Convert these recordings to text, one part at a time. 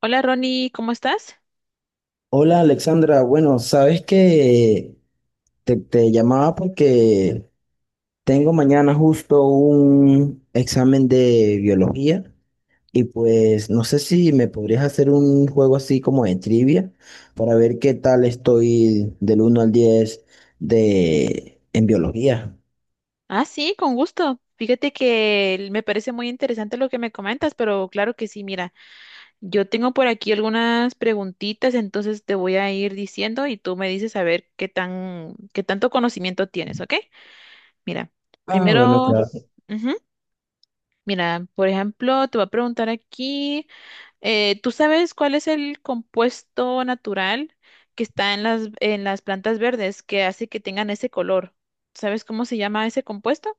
Hola Ronnie, ¿cómo estás? Hola Alexandra, bueno, sabes que te llamaba porque tengo mañana justo un examen de biología y pues no sé si me podrías hacer un juego así como de trivia para ver qué tal estoy del 1 al 10 de, en biología. Ah, sí, con gusto. Fíjate que me parece muy interesante lo que me comentas, pero claro que sí, mira, yo tengo por aquí algunas preguntitas, entonces te voy a ir diciendo y tú me dices a ver qué tanto conocimiento tienes, ¿ok? Mira, Ah, bueno, primero, claro. ujú, mira, por ejemplo, te voy a preguntar aquí, ¿tú sabes cuál es el compuesto natural que está en las plantas verdes que hace que tengan ese color? ¿Sabes cómo se llama ese compuesto?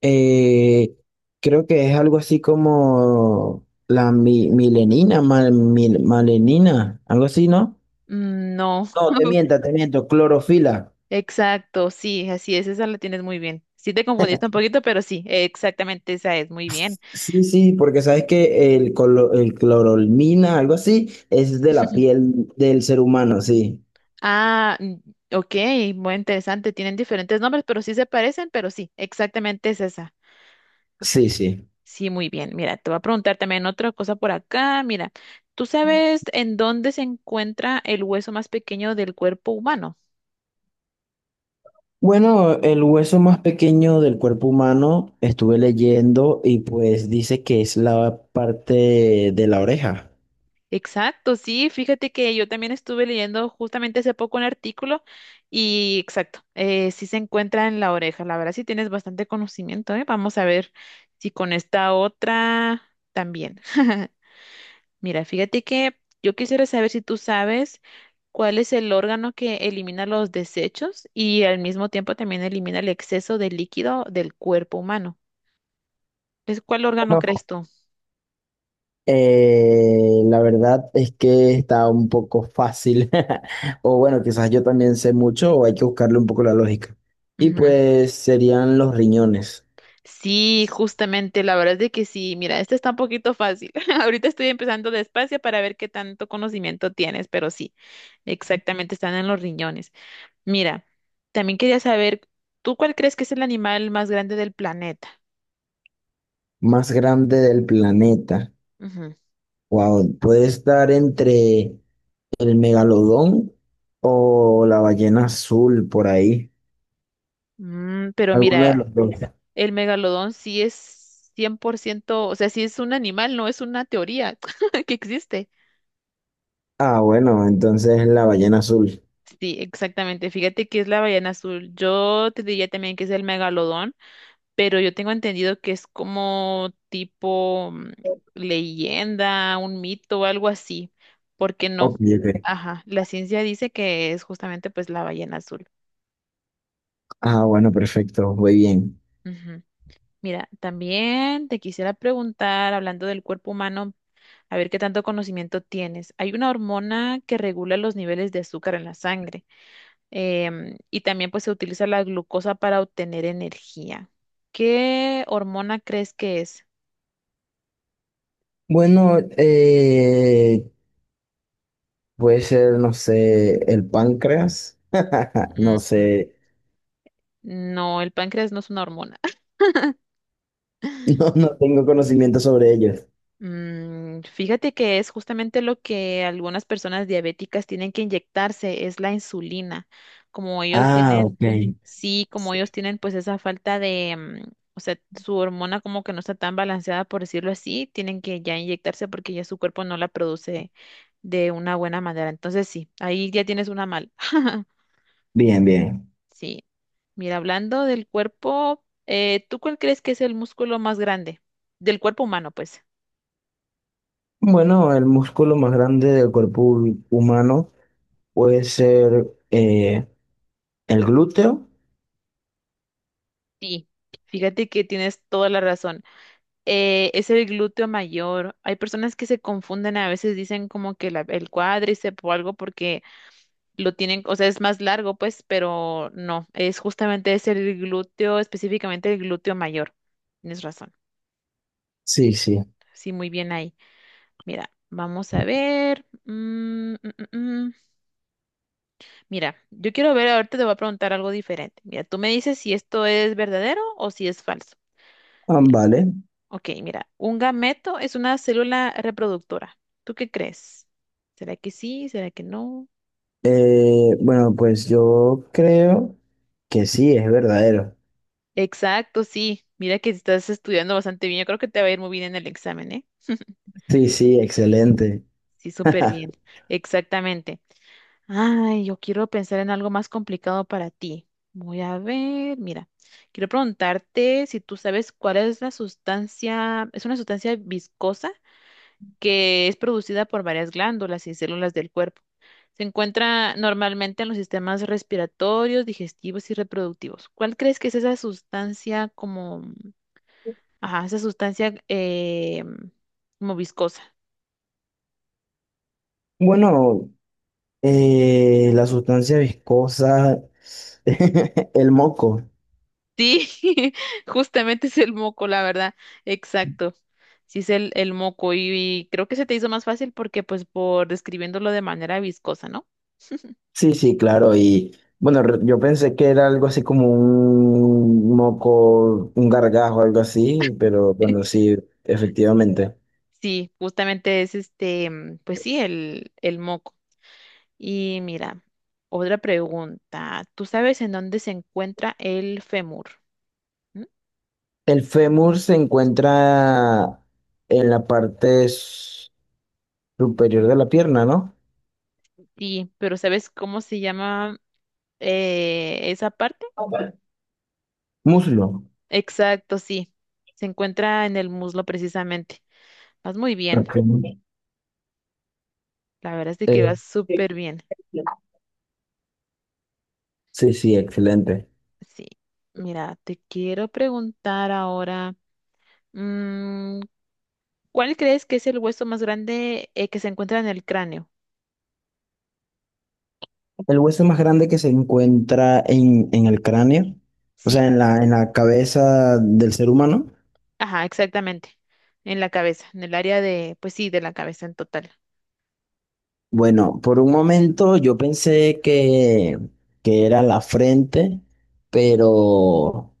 Eh, creo que es algo así como la milenina, malenina, algo así, ¿no? Mm, no, No, te miento, clorofila. exacto, sí, así es, esa la tienes muy bien. Sí te confundiste un poquito, pero sí, exactamente esa es, muy bien. Sí, sí, porque sabes que el clorolmina, algo así, es de la piel del ser humano, sí, Ah, mm, ok, muy interesante, tienen diferentes nombres, pero sí se parecen, pero sí, exactamente es esa. sí, sí. Sí, muy bien. Mira, te voy a preguntar también otra cosa por acá. Mira, ¿tú sabes en dónde se encuentra el hueso más pequeño del cuerpo humano? Bueno, el hueso más pequeño del cuerpo humano estuve leyendo y pues dice que es la parte de la oreja. Exacto, sí, fíjate que yo también estuve leyendo justamente hace poco un artículo y exacto, sí se encuentra en la oreja, la verdad sí tienes bastante conocimiento, ¿eh? Vamos a ver si con esta otra también. Mira, fíjate que yo quisiera saber si tú sabes cuál es el órgano que elimina los desechos y al mismo tiempo también elimina el exceso de líquido del cuerpo humano. ¿Es cuál órgano No. crees tú? La verdad es que está un poco fácil, o bueno, quizás yo también sé mucho o hay que buscarle un poco la lógica. Y pues serían los riñones, Sí, justamente, la verdad es de que sí. Mira, esta está un poquito fácil. Ahorita estoy empezando despacio para ver qué tanto conocimiento tienes, pero sí, exactamente, están en los riñones. Mira, también quería saber, ¿tú cuál crees que es el animal más grande del planeta? más grande del planeta. Ujú. Wow, puede estar entre el megalodón o la ballena azul por ahí, Pero alguno de mira, los dos. el megalodón sí es 100%, o sea, sí es un animal, no es una teoría que existe. Ah, bueno, entonces la ballena azul. Sí, exactamente. Fíjate que es la ballena azul. Yo te diría también que es el megalodón. Pero yo tengo entendido que es como tipo leyenda, un mito o algo así, porque Ok, no. ok. Ajá, la ciencia dice que es justamente pues la ballena azul. Ah, bueno, perfecto, muy bien. Ujú. Mira, también te quisiera preguntar, hablando del cuerpo humano, a ver qué tanto conocimiento tienes. Hay una hormona que regula los niveles de azúcar en la sangre y también pues se utiliza la glucosa para obtener energía. ¿Qué hormona crees que es? Bueno, puede ser, no sé, el páncreas. No sé, No, el páncreas no es una hormona. no, no tengo conocimiento sobre ellos. Mm, fíjate que es justamente lo que algunas personas diabéticas tienen que inyectarse, es la insulina. Como ellos Ah, tienen, ok. sí, como ellos tienen pues esa falta de, o sea, su hormona como que no está tan balanceada, por decirlo así, tienen que ya inyectarse porque ya su cuerpo no la produce de una buena manera. Entonces sí, ahí ya tienes una mal. Bien, bien. Sí. Mira, hablando del cuerpo, ¿tú cuál crees que es el músculo más grande? Del cuerpo humano, pues. Bueno, el músculo más grande del cuerpo humano puede ser el glúteo. Sí. Fíjate que tienes toda la razón. Es el glúteo mayor. Hay personas que se confunden, a veces dicen como que el cuádriceps o algo porque lo tienen, o sea, es más largo, pues, pero no, es justamente es el glúteo, específicamente el glúteo mayor. Tienes razón. Sí, sí. Sí, muy bien ahí. Mira, vamos a ver. Mm, mm. Mira, yo quiero ver, ahorita te voy a preguntar algo diferente. Mira, tú me dices si esto es verdadero o si es falso. Ah, Mira, vale. ok, mira, un gameto es una célula reproductora. ¿Tú qué crees? ¿Será que sí? ¿Será que no? Bueno, pues yo creo que sí, es verdadero. Exacto, sí. Mira que estás estudiando bastante bien. Yo creo que te va a ir muy bien en el examen, ¿eh? Sí, sí, excelente. Sí, súper bien. Exactamente. Ay, yo quiero pensar en algo más complicado para ti. Voy a ver, mira, quiero preguntarte si tú sabes cuál es la sustancia, es una sustancia viscosa que es producida por varias glándulas y células del cuerpo. Se encuentra normalmente en los sistemas respiratorios, digestivos y reproductivos. ¿Cuál crees que es esa sustancia como, ajá, esa sustancia como viscosa? Bueno, la sustancia viscosa, el moco. Sí, justamente es el moco, la verdad. Exacto. Sí es el moco y creo que se te hizo más fácil porque pues por describiéndolo de manera viscosa, ¿no? Sí, sí, claro. Y bueno, yo pensé que era algo así como un moco, un gargajo, algo así, pero bueno, sí, efectivamente. Sí, justamente es este, pues sí, el moco. Y mira, otra pregunta. ¿Tú sabes en dónde se encuentra el fémur? ¿Mm? El fémur se encuentra en la parte superior de la pierna, ¿no? Sí, pero ¿sabes cómo se llama esa parte? Muslo. Exacto, sí. Se encuentra en el muslo precisamente. Vas muy bien. Ok. La verdad es de que Eh, vas súper bien. sí, sí, excelente. Sí. Mira, te quiero preguntar ahora, mm, ¿cuál crees que es el hueso más grande que se encuentra en el cráneo? El hueso más grande que se encuentra en el cráneo, o Sí, sea, en la cabeza del ser humano. ajá, exactamente. En la cabeza, en el área de, pues sí, de la cabeza en total. Bueno, por un momento yo pensé que era la frente, pero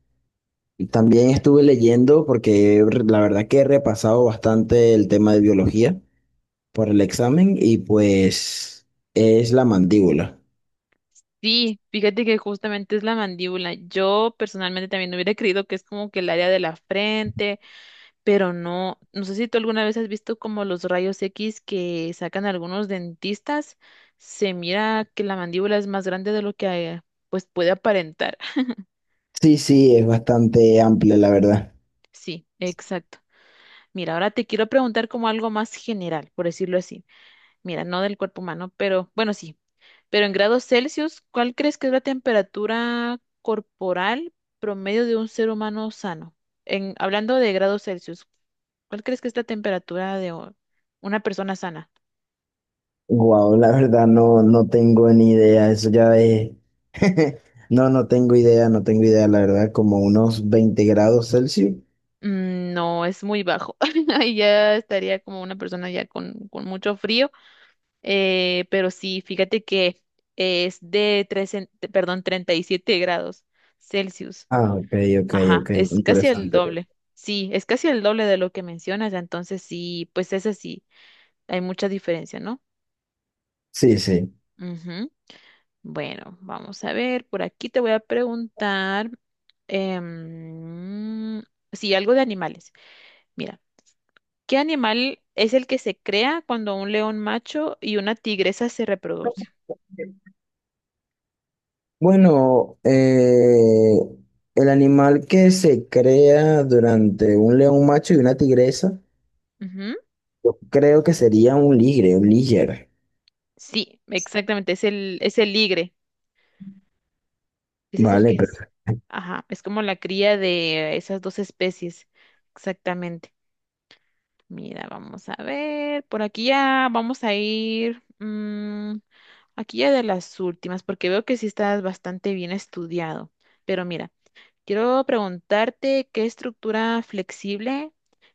también estuve leyendo porque la verdad que he repasado bastante el tema de biología por el examen y pues es la mandíbula. Sí, fíjate que justamente es la mandíbula. Yo personalmente también hubiera creído que es como que el área de la frente, pero no, no sé si tú alguna vez has visto como los rayos X que sacan algunos dentistas, se mira que la mandíbula es más grande de lo que pues puede aparentar. Sí, sí, es bastante amplio, la verdad. Sí, exacto. Mira, ahora te quiero preguntar como algo más general, por decirlo así. Mira, no del cuerpo humano, pero bueno, sí. Pero en grados Celsius, ¿cuál crees que es la temperatura corporal promedio de un ser humano sano? En, hablando de grados Celsius, ¿cuál crees que es la temperatura de una persona sana? Wow, la verdad no, no tengo ni idea. Eso ya es. No, no tengo idea, no tengo idea, la verdad, como unos 20 grados Celsius. Mm, no, es muy bajo. Ahí ya estaría como una persona ya con mucho frío. Pero sí, fíjate que es de perdón, 37 grados Celsius. Ah, ok, ok, Ajá, ok. es casi el Interesante. doble. Sí, es casi el doble de lo que mencionas. Entonces sí, pues es así. Hay mucha diferencia, ¿no? Sí, sí. Ujú. Bueno, vamos a ver. Por aquí te voy a preguntar em, sí, algo de animales. Mira. ¿Qué animal es el que se crea cuando un león macho y una tigresa se reproducen? Bueno, el animal que se crea durante un león macho y una tigresa, Ujú. yo creo que sería un ligre, un liger. Sí, exactamente, es el ligre. Ese es el Vale, que pero. es. Ajá, es como la cría de esas dos especies. Exactamente. Mira, vamos a ver. Por aquí ya vamos a ir. Aquí ya de las últimas, porque veo que sí estás bastante bien estudiado. Pero mira, quiero preguntarte qué estructura flexible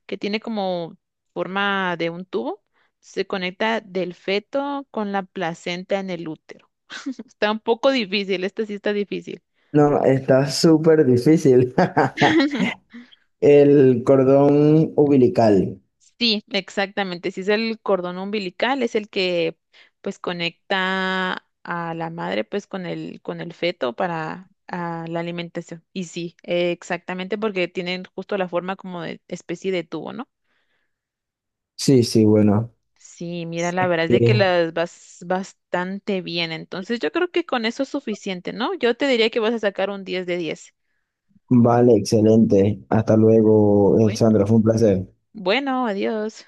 que tiene como forma de un tubo se conecta del feto con la placenta en el útero. Está un poco difícil, esta sí está difícil. No, está súper difícil. El cordón umbilical. Sí, exactamente. Si es el cordón umbilical, es el que pues conecta a la madre pues con el feto para ah, la alimentación. Y sí, exactamente porque tienen justo la forma como de especie de tubo, ¿no? Sí, sí, bueno. Sí, mira, la verdad es de que Eh, las vas bastante bien. Entonces, yo creo que con eso es suficiente, ¿no? Yo te diría que vas a sacar un 10 de 10. vale, excelente. Hasta luego, Bueno, Alexandra. Fue un placer. bueno, adiós.